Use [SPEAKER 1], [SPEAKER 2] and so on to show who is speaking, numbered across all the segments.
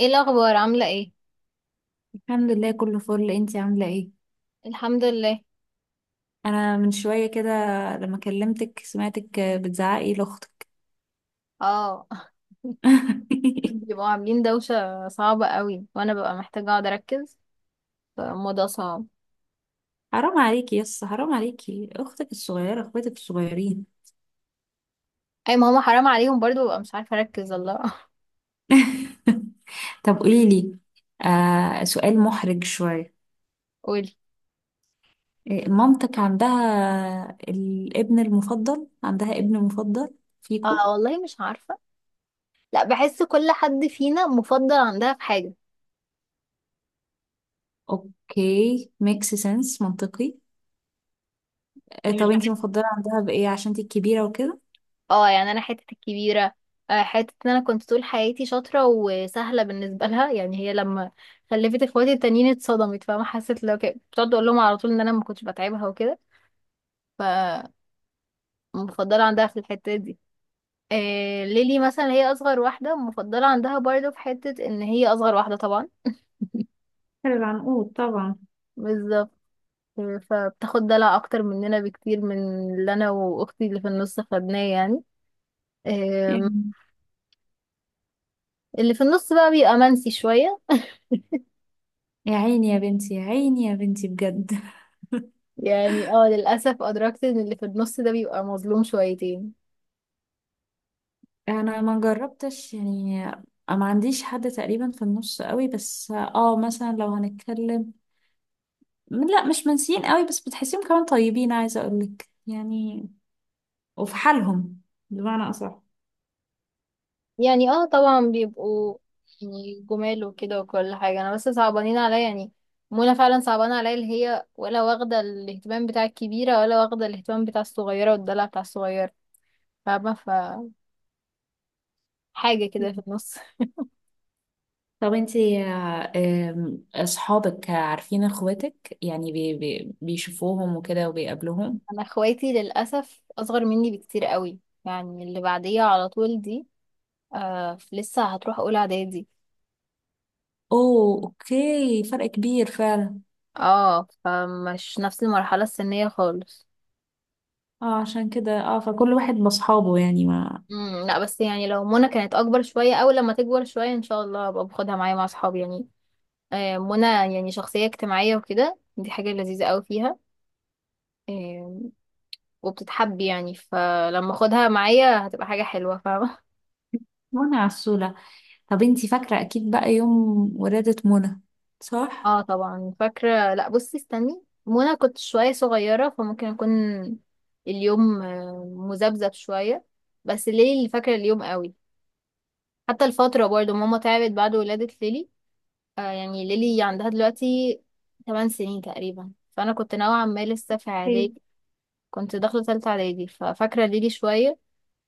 [SPEAKER 1] ايه الاخبار عامله ايه؟
[SPEAKER 2] الحمد لله كله فل. انتي عاملة ايه؟
[SPEAKER 1] الحمد لله.
[SPEAKER 2] انا من شوية كده لما كلمتك سمعتك بتزعقي لاختك.
[SPEAKER 1] اه. بيبقوا عاملين دوشه صعبه قوي، وانا ببقى محتاجه اقعد اركز، فالموضوع صعب.
[SPEAKER 2] حرام عليكي يس، حرام عليكي، اختك الصغيرة اخواتك الصغيرين.
[SPEAKER 1] اي، ما هما حرام عليهم برضو، ببقى مش عارفه اركز، الله.
[SPEAKER 2] طب قوليلي، سؤال محرج شوية.
[SPEAKER 1] قولي.
[SPEAKER 2] إيه، مامتك عندها الابن المفضل؟ عندها ابن مفضل
[SPEAKER 1] اه
[SPEAKER 2] فيكو؟
[SPEAKER 1] والله مش عارفه. لا، بحس كل حد فينا مفضل عندها في حاجه.
[SPEAKER 2] اوكي، ميكس سنس، منطقي.
[SPEAKER 1] يعني مش
[SPEAKER 2] طب انتي
[SPEAKER 1] بحس.
[SPEAKER 2] مفضلة عندها بايه عشان انتي الكبيرة وكده؟
[SPEAKER 1] اه يعني انا حته الكبيره. حته ان انا كنت طول حياتي شاطره وسهله بالنسبه لها، يعني هي لما خلفت اخواتي التانيين اتصدمت، فاهمه، حسيت لو كده بتقعد اقول لهم على طول ان انا ما كنتش بتعبها وكده. ف مفضلة عندها في الحتة دي. ليلي مثلا هي أصغر واحدة، مفضلة عندها برضه في حتة إن هي أصغر واحدة طبعا.
[SPEAKER 2] العنقود طبعا.
[SPEAKER 1] بالظبط. فبتاخد دلع أكتر مننا بكتير من اللي أنا وأختي اللي في النص خدناه يعني. آم، اللي في النص بقى بيبقى منسي شوية.
[SPEAKER 2] يا عيني يا بنتي، يا عيني يا بنتي بجد.
[SPEAKER 1] يعني اه للأسف أدركت إن اللي في النص ده بيبقى مظلوم شويتين.
[SPEAKER 2] انا ما جربتش يعني، ما عنديش حد تقريبا في النص قوي، بس اه مثلا لو هنتكلم، لا مش منسيين قوي بس بتحسيهم كمان طيبين، عايزه اقولك يعني، وفي حالهم، بمعنى اصح.
[SPEAKER 1] يعني اه طبعا بيبقوا، يعني جمال وكده وكل حاجة، انا بس صعبانين عليا يعني. منى فعلا صعبانة عليا، اللي هي ولا واخدة الاهتمام بتاع الكبيرة ولا واخدة الاهتمام بتاع الصغيرة والدلع بتاع الصغيرة. فاهمة. حاجة كده في النص.
[SPEAKER 2] طب انتي آه، آم، اصحابك عارفين اخواتك؟ يعني بي بيشوفوهم وكده وبيقابلوهم؟
[SPEAKER 1] انا اخواتي للأسف اصغر مني بكتير قوي، يعني اللي بعديها على طول دي لسه هتروح اولى اعدادي.
[SPEAKER 2] اوه اوكي، فرق كبير فعلا.
[SPEAKER 1] اه فمش نفس المرحلة السنية خالص.
[SPEAKER 2] اه عشان كده، اه فكل واحد بصحابه يعني ما.
[SPEAKER 1] لا، بس يعني لو منى كانت اكبر شويه او لما تكبر شويه ان شاء الله ابقى باخدها معايا مع اصحابي يعني. منى يعني شخصيه اجتماعيه وكده، دي حاجه لذيذه قوي فيها. آه، وبتتحب، يعني فلما اخدها معايا هتبقى حاجه حلوه، فاهمه.
[SPEAKER 2] وانا عسولة. طب انتي فاكرة أكيد بقى يوم ولادة منى، صح؟
[SPEAKER 1] اه طبعا فاكره. لا بصي، استني، منى كنت شويه صغيره فممكن اكون اليوم مذبذب شويه. بس ليلي اللي فاكره اليوم قوي. حتى الفتره برضو ماما تعبت بعد ولاده ليلي. يعني ليلي عندها دلوقتي 8 سنين تقريبا، فانا كنت نوعا ما لسه في
[SPEAKER 2] ايه.
[SPEAKER 1] اعدادي. كنت داخله ثالثه اعدادي ففاكره ليلي شويه.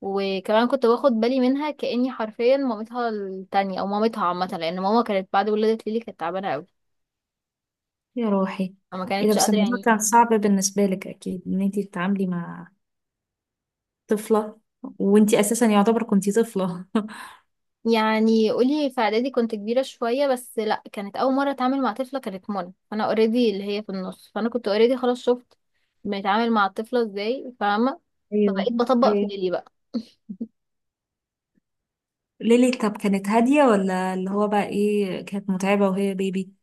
[SPEAKER 1] وكمان كنت باخد بالي منها كاني حرفيا مامتها التانية او مامتها عامه، لان ماما كانت بعد ولاده ليلي كانت تعبانه قوي،
[SPEAKER 2] يا روحي.
[SPEAKER 1] فما
[SPEAKER 2] ايه ده،
[SPEAKER 1] كانتش
[SPEAKER 2] بس
[SPEAKER 1] قادره
[SPEAKER 2] الموضوع كان
[SPEAKER 1] يعني.
[SPEAKER 2] صعب بالنسبة لك أكيد إن انتي تتعاملي مع طفلة، وانتي أساسا يعتبر كنتي طفلة.
[SPEAKER 1] يعني قولي، في اعدادي كنت كبيره شويه، بس لا كانت اول مره اتعامل مع طفله، كانت منى، فانا اوريدي اللي هي في النص، فانا كنت اوريدي خلاص شفت بنتعامل مع الطفله ازاي، فاهمه.
[SPEAKER 2] ايوه.
[SPEAKER 1] فبقيت بطبق في
[SPEAKER 2] ايوه
[SPEAKER 1] ليلي بقى.
[SPEAKER 2] ليلي، طب كانت هادية ولا اللي هو بقى ايه، كانت متعبة وهي بيبي؟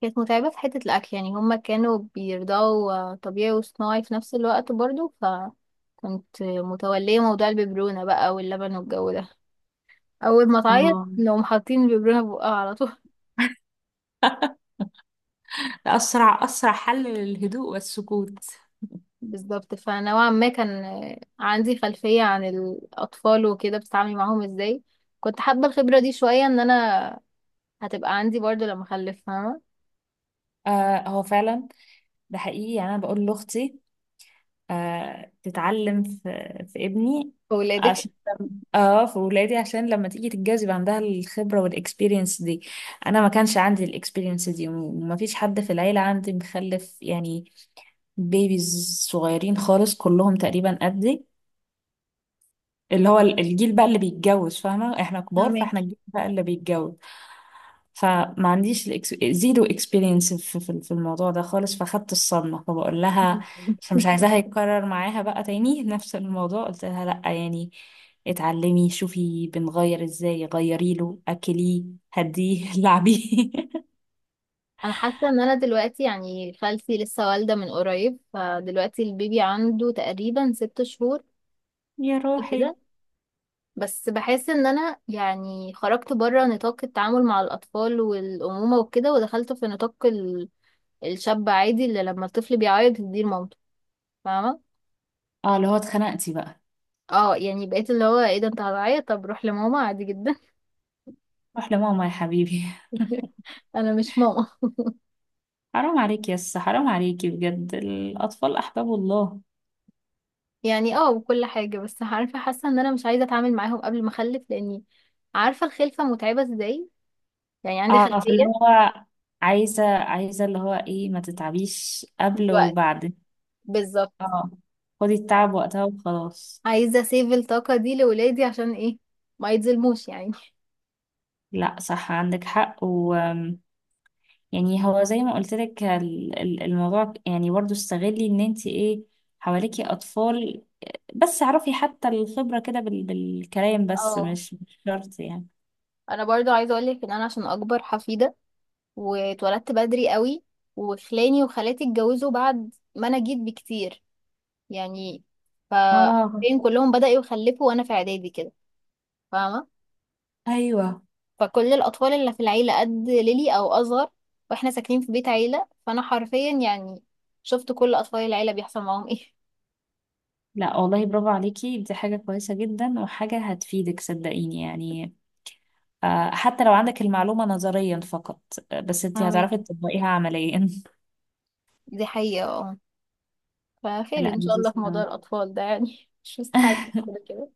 [SPEAKER 1] كانت متعبة في حتة الأكل، يعني هما كانوا بيرضعوا طبيعي وصناعي في نفس الوقت برضو، فكنت متولية موضوع الببرونة بقى واللبن والجو ده. أول ما تعيط
[SPEAKER 2] اه.
[SPEAKER 1] لو حاطين الببرونة في بقها على طول.
[SPEAKER 2] ده أسرع أسرع حل للهدوء والسكوت.
[SPEAKER 1] بالظبط. فنوعا ما كان عندي خلفية عن الأطفال وكده، بتتعاملي معاهم ازاي. كنت حابة الخبرة دي شوية، ان انا هتبقى عندي برضو لما اخلف، فاهمة.
[SPEAKER 2] آه هو فعلا، ده حقيقي يعني. أنا بقول لأختي، آه تتعلم في ابني،
[SPEAKER 1] ولادك.
[SPEAKER 2] عشان اه في ولادي عشان لما تيجي تتجوز يبقى عندها الخبرة والاكسبيرينس دي. انا ما كانش عندي الاكسبيرينس دي، وما فيش حد في العيلة عندي مخلف يعني، بيبيز صغيرين خالص كلهم تقريبا قدي، اللي هو الجيل بقى اللي بيتجوز، فاهمة؟ احنا كبار،
[SPEAKER 1] فاهمك.
[SPEAKER 2] فاحنا الجيل بقى اللي بيتجوز. فما عنديش زيرو اكسبيرينس في الموضوع ده خالص، فاخدت الصدمة، فبقول لها. فمش عايزاها يتكرر معاها بقى تاني. نفس الموضوع قلت لها لأ يعني، اتعلمي شوفي بنغير ازاي، غيري له اكليه، هديه لعبيه.
[SPEAKER 1] انا حاسه ان انا دلوقتي يعني خالتي لسه والده من قريب، فدلوقتي البيبي عنده تقريبا ست شهور
[SPEAKER 2] يا
[SPEAKER 1] كده.
[SPEAKER 2] روحي.
[SPEAKER 1] بس بحس ان انا يعني خرجت بره نطاق التعامل مع الاطفال والامومه وكده، ودخلت في نطاق الشاب عادي اللي لما الطفل بيعيط يديه لمامته، فاهمه.
[SPEAKER 2] اه اللي هو اتخنقتي بقى.
[SPEAKER 1] اه يعني بقيت اللي هو ايه ده، انت هتعيط؟ طب روح لماما عادي جدا.
[SPEAKER 2] روح لماما يا حبيبي.
[SPEAKER 1] انا مش ماما.
[SPEAKER 2] حرام عليكي يس، حرام عليكي بجد، الأطفال أحباب الله.
[SPEAKER 1] يعني اه وكل حاجه، بس عارفه حاسه ان انا مش عايزه اتعامل معاهم قبل ما اخلف، لاني عارفه الخلفه متعبه ازاي، يعني عندي
[SPEAKER 2] اه فاللي
[SPEAKER 1] خلفيه
[SPEAKER 2] هو، عايزة اللي هو ايه، ما تتعبيش قبل
[SPEAKER 1] دلوقتي.
[SPEAKER 2] وبعد.
[SPEAKER 1] بالظبط.
[SPEAKER 2] اه خدي التعب وقتها وخلاص.
[SPEAKER 1] عايزة اسيف الطاقة دي لولادي، عشان ايه؟ ما يتظلموش يعني.
[SPEAKER 2] لا صح، عندك حق، و يعني هو زي ما قلت لك، الموضوع يعني برضو استغلي ان انت ايه، حواليكي اطفال. بس اعرفي حتى الخبرة كده بالكلام بس،
[SPEAKER 1] اه،
[SPEAKER 2] مش شرط يعني.
[SPEAKER 1] انا برضو عايزة اقولك ان انا عشان اكبر حفيدة واتولدت بدري قوي، وخلاني وخالاتي اتجوزوا بعد ما انا جيت بكتير يعني، ف
[SPEAKER 2] اه
[SPEAKER 1] فين كلهم بدأوا يخلفوا وانا في اعدادي كده، فاهمة.
[SPEAKER 2] ايوه.
[SPEAKER 1] فكل الاطفال اللي في العيلة قد ليلي او اصغر، واحنا ساكنين في بيت عيلة، فانا حرفيا يعني شفت كل اطفال العيلة بيحصل معاهم ايه.
[SPEAKER 2] لا والله، برافو عليكي، دي حاجة كويسة جدا وحاجة هتفيدك، صدقيني يعني. آه، حتى لو عندك المعلومة نظريا فقط، آه، بس انت
[SPEAKER 1] فاهمك.
[SPEAKER 2] هتعرفي تطبقيها عمليا.
[SPEAKER 1] دي حقيقة اه. فخير
[SPEAKER 2] لا
[SPEAKER 1] ان شاء الله
[SPEAKER 2] لذيذ
[SPEAKER 1] في موضوع
[SPEAKER 2] أوي.
[SPEAKER 1] الاطفال ده يعني مش مستحاجة. كده كده.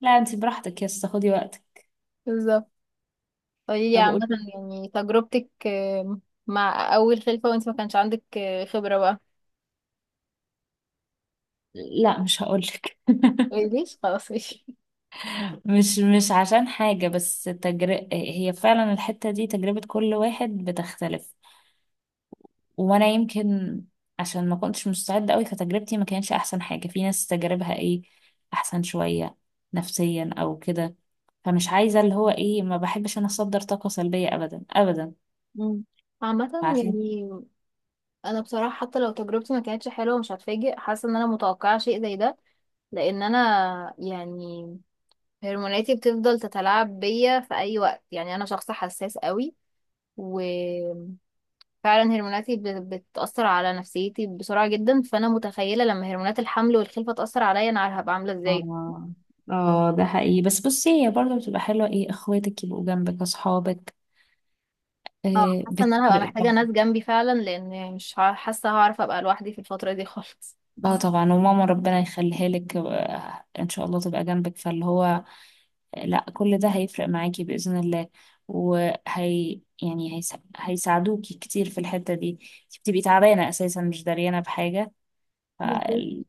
[SPEAKER 2] لا انت براحتك يس، خدي وقتك.
[SPEAKER 1] بالظبط. قولي لي
[SPEAKER 2] طب
[SPEAKER 1] عامة،
[SPEAKER 2] قولي.
[SPEAKER 1] يعني تجربتك مع اول خلفة وانت ما كانش عندك خبرة بقى.
[SPEAKER 2] لا مش هقولك.
[SPEAKER 1] ليش؟ خلاص ماشي.
[SPEAKER 2] مش عشان حاجة، بس هي فعلا الحتة دي تجربة كل واحد بتختلف. وانا يمكن عشان ما كنتش مستعدة قوي، فتجربتي ما كانش احسن حاجة، في ناس تجاربها ايه، احسن شوية نفسيا او كده. فمش عايزة اللي هو ايه، ما بحبش انا اصدر طاقة سلبية ابدا ابدا،
[SPEAKER 1] مم. عامة
[SPEAKER 2] عارفين.
[SPEAKER 1] يعني انا بصراحة حتى لو تجربتي ما كانتش حلوة مش هتفاجئ، حاسة ان انا متوقعة شيء زي ده. لان انا يعني هرموناتي بتفضل تتلاعب بيا في اي وقت، يعني انا شخص حساس قوي، و فعلا هرموناتي بتأثر على نفسيتي بسرعة جدا، فأنا متخيلة لما هرمونات الحمل والخلفة تأثر عليا أنا هبقى عاملة ازاي.
[SPEAKER 2] اه. اه ده حقيقي، بس بصي هي برضه بتبقى حلوة ايه، اخواتك يبقوا جنبك، اصحابك،
[SPEAKER 1] اه
[SPEAKER 2] آه
[SPEAKER 1] حاسة إن أنا هبقى
[SPEAKER 2] بتفرق
[SPEAKER 1] محتاجة
[SPEAKER 2] طبعا.
[SPEAKER 1] ناس جنبي فعلا، لأن مش حاسة هعرف أبقى لوحدي في الفترة دي خالص.
[SPEAKER 2] اه طبعا، وماما ربنا يخليها لك، آه، ان شاء الله تبقى جنبك، فاللي هو لا كل ده هيفرق معاكي بإذن الله. وهي يعني هيساعدوكي كتير في الحتة دي. انت بتبقي تعبانة اساسا، مش داريانة بحاجة. ف-
[SPEAKER 1] بالظبط.
[SPEAKER 2] ال-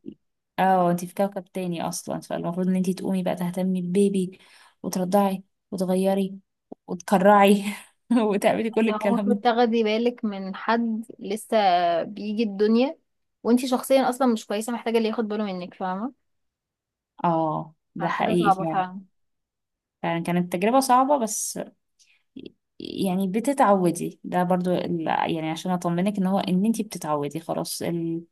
[SPEAKER 2] اه انتي في كوكب تاني اصلا، فالمفروض ان انتي تقومي بقى تهتمي بالبيبي، وترضعي، وتغيري، وتكرعي، وتعملي كل
[SPEAKER 1] لو
[SPEAKER 2] الكلام
[SPEAKER 1] المفروض
[SPEAKER 2] ده.
[SPEAKER 1] تاخدي بالك من حد لسه بيجي الدنيا، وانتي شخصيا أصلا مش كويسة، محتاجة اللي ياخد باله منك، فاهمة.
[SPEAKER 2] اه ده
[SPEAKER 1] يعني حاجة
[SPEAKER 2] حقيقي
[SPEAKER 1] صعبة
[SPEAKER 2] فعلا.
[SPEAKER 1] فعلا.
[SPEAKER 2] فعلا كانت تجربة صعبة، بس يعني بتتعودي، ده برضو يعني عشان اطمنك ان هو ان انتي بتتعودي خلاص.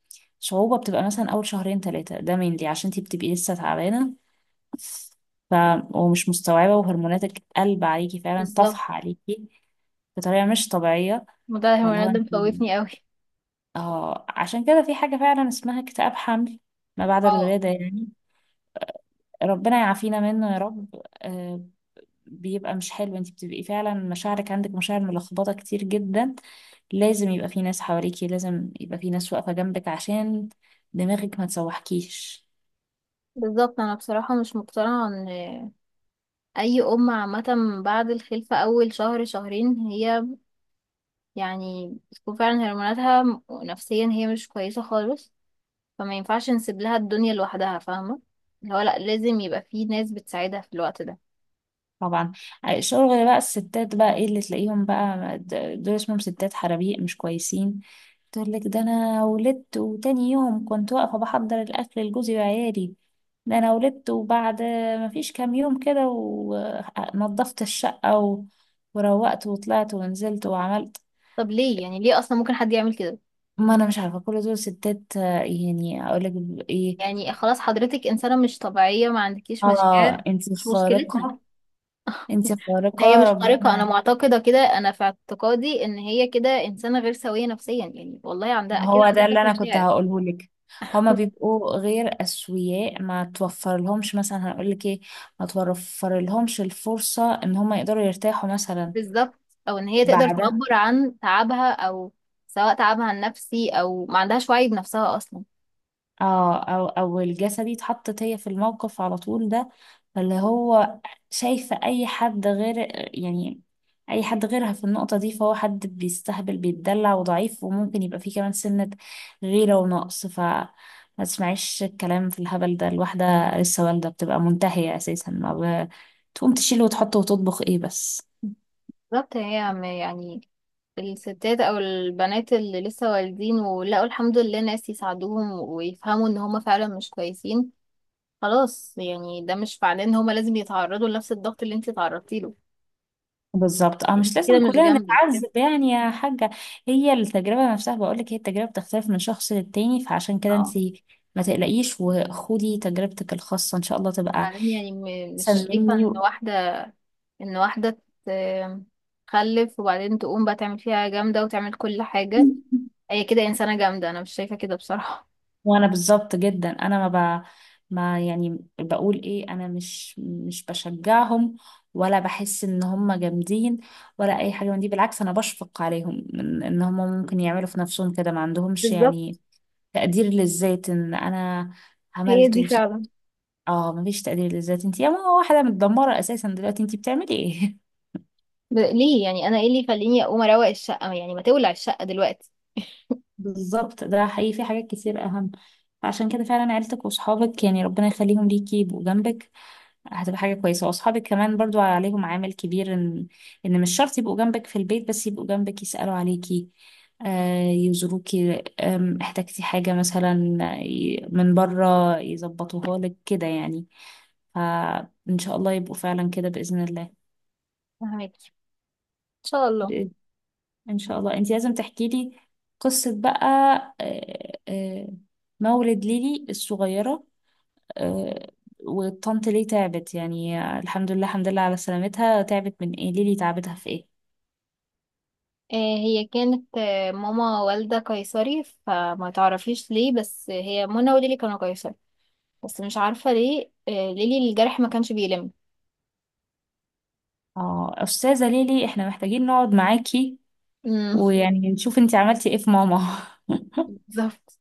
[SPEAKER 2] الصعوبة بتبقى مثلا اول شهرين ثلاثة ده mainly عشان انتي بتبقي لسه تعبانة، ف ومش مستوعبة، وهرموناتك قلب عليكي فعلا،
[SPEAKER 1] بالظبط.
[SPEAKER 2] طفح عليكي بطريقة مش طبيعية.
[SPEAKER 1] وده
[SPEAKER 2] اللي هو
[SPEAKER 1] الهرمونات ده
[SPEAKER 2] انت،
[SPEAKER 1] مخوفني قوي.
[SPEAKER 2] اه عشان كده في حاجة فعلا اسمها اكتئاب حمل ما بعد
[SPEAKER 1] اه.
[SPEAKER 2] الولادة يعني، ربنا يعافينا منه يا رب. آه بيبقى مش حلو، انت بتبقي فعلا مشاعرك، عندك مشاعر ملخبطة كتير جدا. لازم يبقى في ناس حواليكي، لازم يبقى في ناس واقفة جنبك عشان دماغك ما تسوحكيش.
[SPEAKER 1] بالظبط. أنا بصراحة مش مقتنعة اي ام عامه بعد الخلفه اول شهر شهرين، هي يعني بتكون فعلا هرموناتها نفسيا هي مش كويسه خالص، فما ينفعش نسيب لها الدنيا لوحدها، فاهمه. اللي هو لا، لازم يبقى في ناس بتساعدها في الوقت ده.
[SPEAKER 2] طبعا. الشغل بقى الستات بقى ايه اللي تلاقيهم بقى دول اسمهم ستات حرابيق مش كويسين. تقول لك ده انا ولدت وتاني يوم كنت واقفة بحضر الاكل لجوزي وعيالي، ده انا ولدت وبعد ما فيش كام يوم كده ونظفت الشقة و... وروقت وطلعت ونزلت وعملت.
[SPEAKER 1] طب ليه؟ يعني ليه اصلا ممكن حد يعمل كده؟
[SPEAKER 2] ما انا مش عارفة، كل دول ستات يعني اقول لك ايه.
[SPEAKER 1] يعني خلاص حضرتك انسانه مش طبيعيه، ما عندكيش
[SPEAKER 2] اه
[SPEAKER 1] مشاعر.
[SPEAKER 2] انتي
[SPEAKER 1] مش مشكلتنا.
[SPEAKER 2] خارقة. انتي
[SPEAKER 1] هي
[SPEAKER 2] خارقة
[SPEAKER 1] مش خارقه، انا
[SPEAKER 2] ربنا.
[SPEAKER 1] معتقده كده، انا في اعتقادي ان هي كده انسانه غير سويه نفسيا، يعني والله عندها
[SPEAKER 2] ما
[SPEAKER 1] اكيد
[SPEAKER 2] هو
[SPEAKER 1] عندها
[SPEAKER 2] ده اللي
[SPEAKER 1] كافة
[SPEAKER 2] انا كنت
[SPEAKER 1] مشاعر.
[SPEAKER 2] هقوله لك، هما بيبقوا غير اسوياء، ما توفر لهمش مثلا، هنقول لك ايه، ما توفر لهمش الفرصة ان هما يقدروا يرتاحوا مثلا.
[SPEAKER 1] بالظبط. او ان هي تقدر
[SPEAKER 2] بعد.
[SPEAKER 1] تعبر عن تعبها، او سواء تعبها النفسي، او ما عندهاش وعي بنفسها اصلا.
[SPEAKER 2] اه او او الجلسه دي اتحطت هي في الموقف على طول ده، فاللي هو شايفه اي حد غير، يعني اي حد غيرها في النقطه دي فهو حد بيستهبل بيتدلع وضعيف، وممكن يبقى فيه كمان سنه غيره ونقص. ف ما تسمعيش الكلام في الهبل ده، الواحده لسه والده بتبقى منتهيه اساسا، ما ب... تقوم تشيل وتحط وتطبخ ايه بس.
[SPEAKER 1] بالظبط. هي يعني الستات او البنات اللي لسه والدين ولقوا الحمد لله ناس يساعدوهم ويفهموا ان هما فعلا مش كويسين، خلاص، يعني ده مش معناه ان هما لازم يتعرضوا لنفس الضغط اللي انت تعرضتي له.
[SPEAKER 2] بالظبط. اه
[SPEAKER 1] انت
[SPEAKER 2] مش
[SPEAKER 1] كده
[SPEAKER 2] لازم
[SPEAKER 1] مش
[SPEAKER 2] كلنا
[SPEAKER 1] جامدة.
[SPEAKER 2] نتعذب يعني يا حاجة. هي التجربة نفسها بقولك، هي التجربة بتختلف من شخص للتاني، فعشان كده
[SPEAKER 1] اه.
[SPEAKER 2] انتي ما تقلقيش وخدي تجربتك الخاصة، ان شاء الله تبقى
[SPEAKER 1] بعدين يعني
[SPEAKER 2] احسن
[SPEAKER 1] مش شايفة
[SPEAKER 2] مني
[SPEAKER 1] ان
[SPEAKER 2] و...
[SPEAKER 1] واحدة، ان واحدة ت- تخلف وبعدين تقوم بقى تعمل فيها جامدة وتعمل كل حاجة، هي كده انسانه جامده، انا مش شايفه كده بصراحه.
[SPEAKER 2] وانا بالظبط جدا، انا ما يعني بقول ايه، انا مش بشجعهم، ولا بحس ان هم جامدين، ولا اي حاجة من دي، بالعكس انا بشفق عليهم ان إن هم ممكن يعملوا في نفسهم كده، ما عندهمش
[SPEAKER 1] بالظبط.
[SPEAKER 2] يعني تقدير للذات ان انا
[SPEAKER 1] هي
[SPEAKER 2] عملت
[SPEAKER 1] دي
[SPEAKER 2] وس...
[SPEAKER 1] فعلا.
[SPEAKER 2] اه مفيش تقدير للذات. انت يا ماما واحده متدمره اساسا، دلوقتي انت بتعملي ايه؟
[SPEAKER 1] ليه؟ يعني انا ايه اللي يخليني اقوم اروق الشقه؟ يعني ما تولع الشقه دلوقتي.
[SPEAKER 2] بالظبط، ده حقيقي، في حاجات كتير اهم. فعشان كده فعلا عيلتك واصحابك يعني ربنا يخليهم ليكي يبقوا جنبك، هتبقى حاجه كويسه، واصحابك كمان برضو عليهم عامل كبير، ان ان مش شرط يبقوا جنبك في البيت، بس يبقوا جنبك يسالوا عليكي، آه، يزوروكي، آم، احتاجتي حاجه مثلا آه، من بره يظبطوها لك كده يعني، فإن شاء الله يبقوا فعلا كده بإذن الله.
[SPEAKER 1] فهمك ان شاء الله.
[SPEAKER 2] بإذن- إن شاء الله أنت لازم تحكي لي قصة بقى، آه، آه، مولد ليلي الصغيرة، آه، والطنط ليه تعبت يعني، الحمد لله الحمد لله على سلامتها، تعبت من إيه ليلي، تعبتها في إيه؟
[SPEAKER 1] هي كانت ماما والده قيصري، فما تعرفيش ليه، بس هي منى وليلي كانوا قيصري، بس مش عارفه ليه ليلي الجرح ما كانش بيلم.
[SPEAKER 2] اه أستاذة ليلي، إحنا محتاجين نقعد معاكي
[SPEAKER 1] أمم،
[SPEAKER 2] ويعني نشوف أنت عملتي إيه في ماما.
[SPEAKER 1] بالظبط.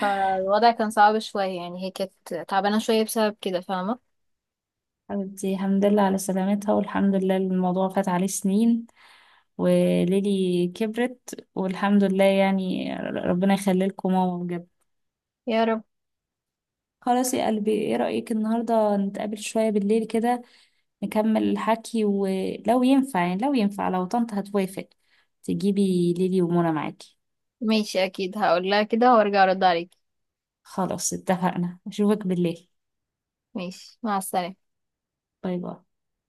[SPEAKER 1] فالوضع كان صعب شويه، يعني هي كانت تعبانه شويه بسبب كده، فاهمه.
[SPEAKER 2] حبيبتي الحمد لله على سلامتها، والحمد لله الموضوع فات عليه سنين، وليلي كبرت، والحمد لله يعني ربنا يخلي لكم ماما بجد.
[SPEAKER 1] يا رب.
[SPEAKER 2] خلاص يا قلبي، ايه رأيك النهارده نتقابل شوية بالليل كده، نكمل الحكي، ولو ينفع يعني، لو ينفع لو طنط هتوافق، تجيبي ليلي ومنى معاكي.
[SPEAKER 1] ماشي اكيد هقول لها كده وارجع ارد عليك.
[SPEAKER 2] خلاص اتفقنا، اشوفك بالليل.
[SPEAKER 1] ماشي، مع السلامه.
[SPEAKER 2] باي باي.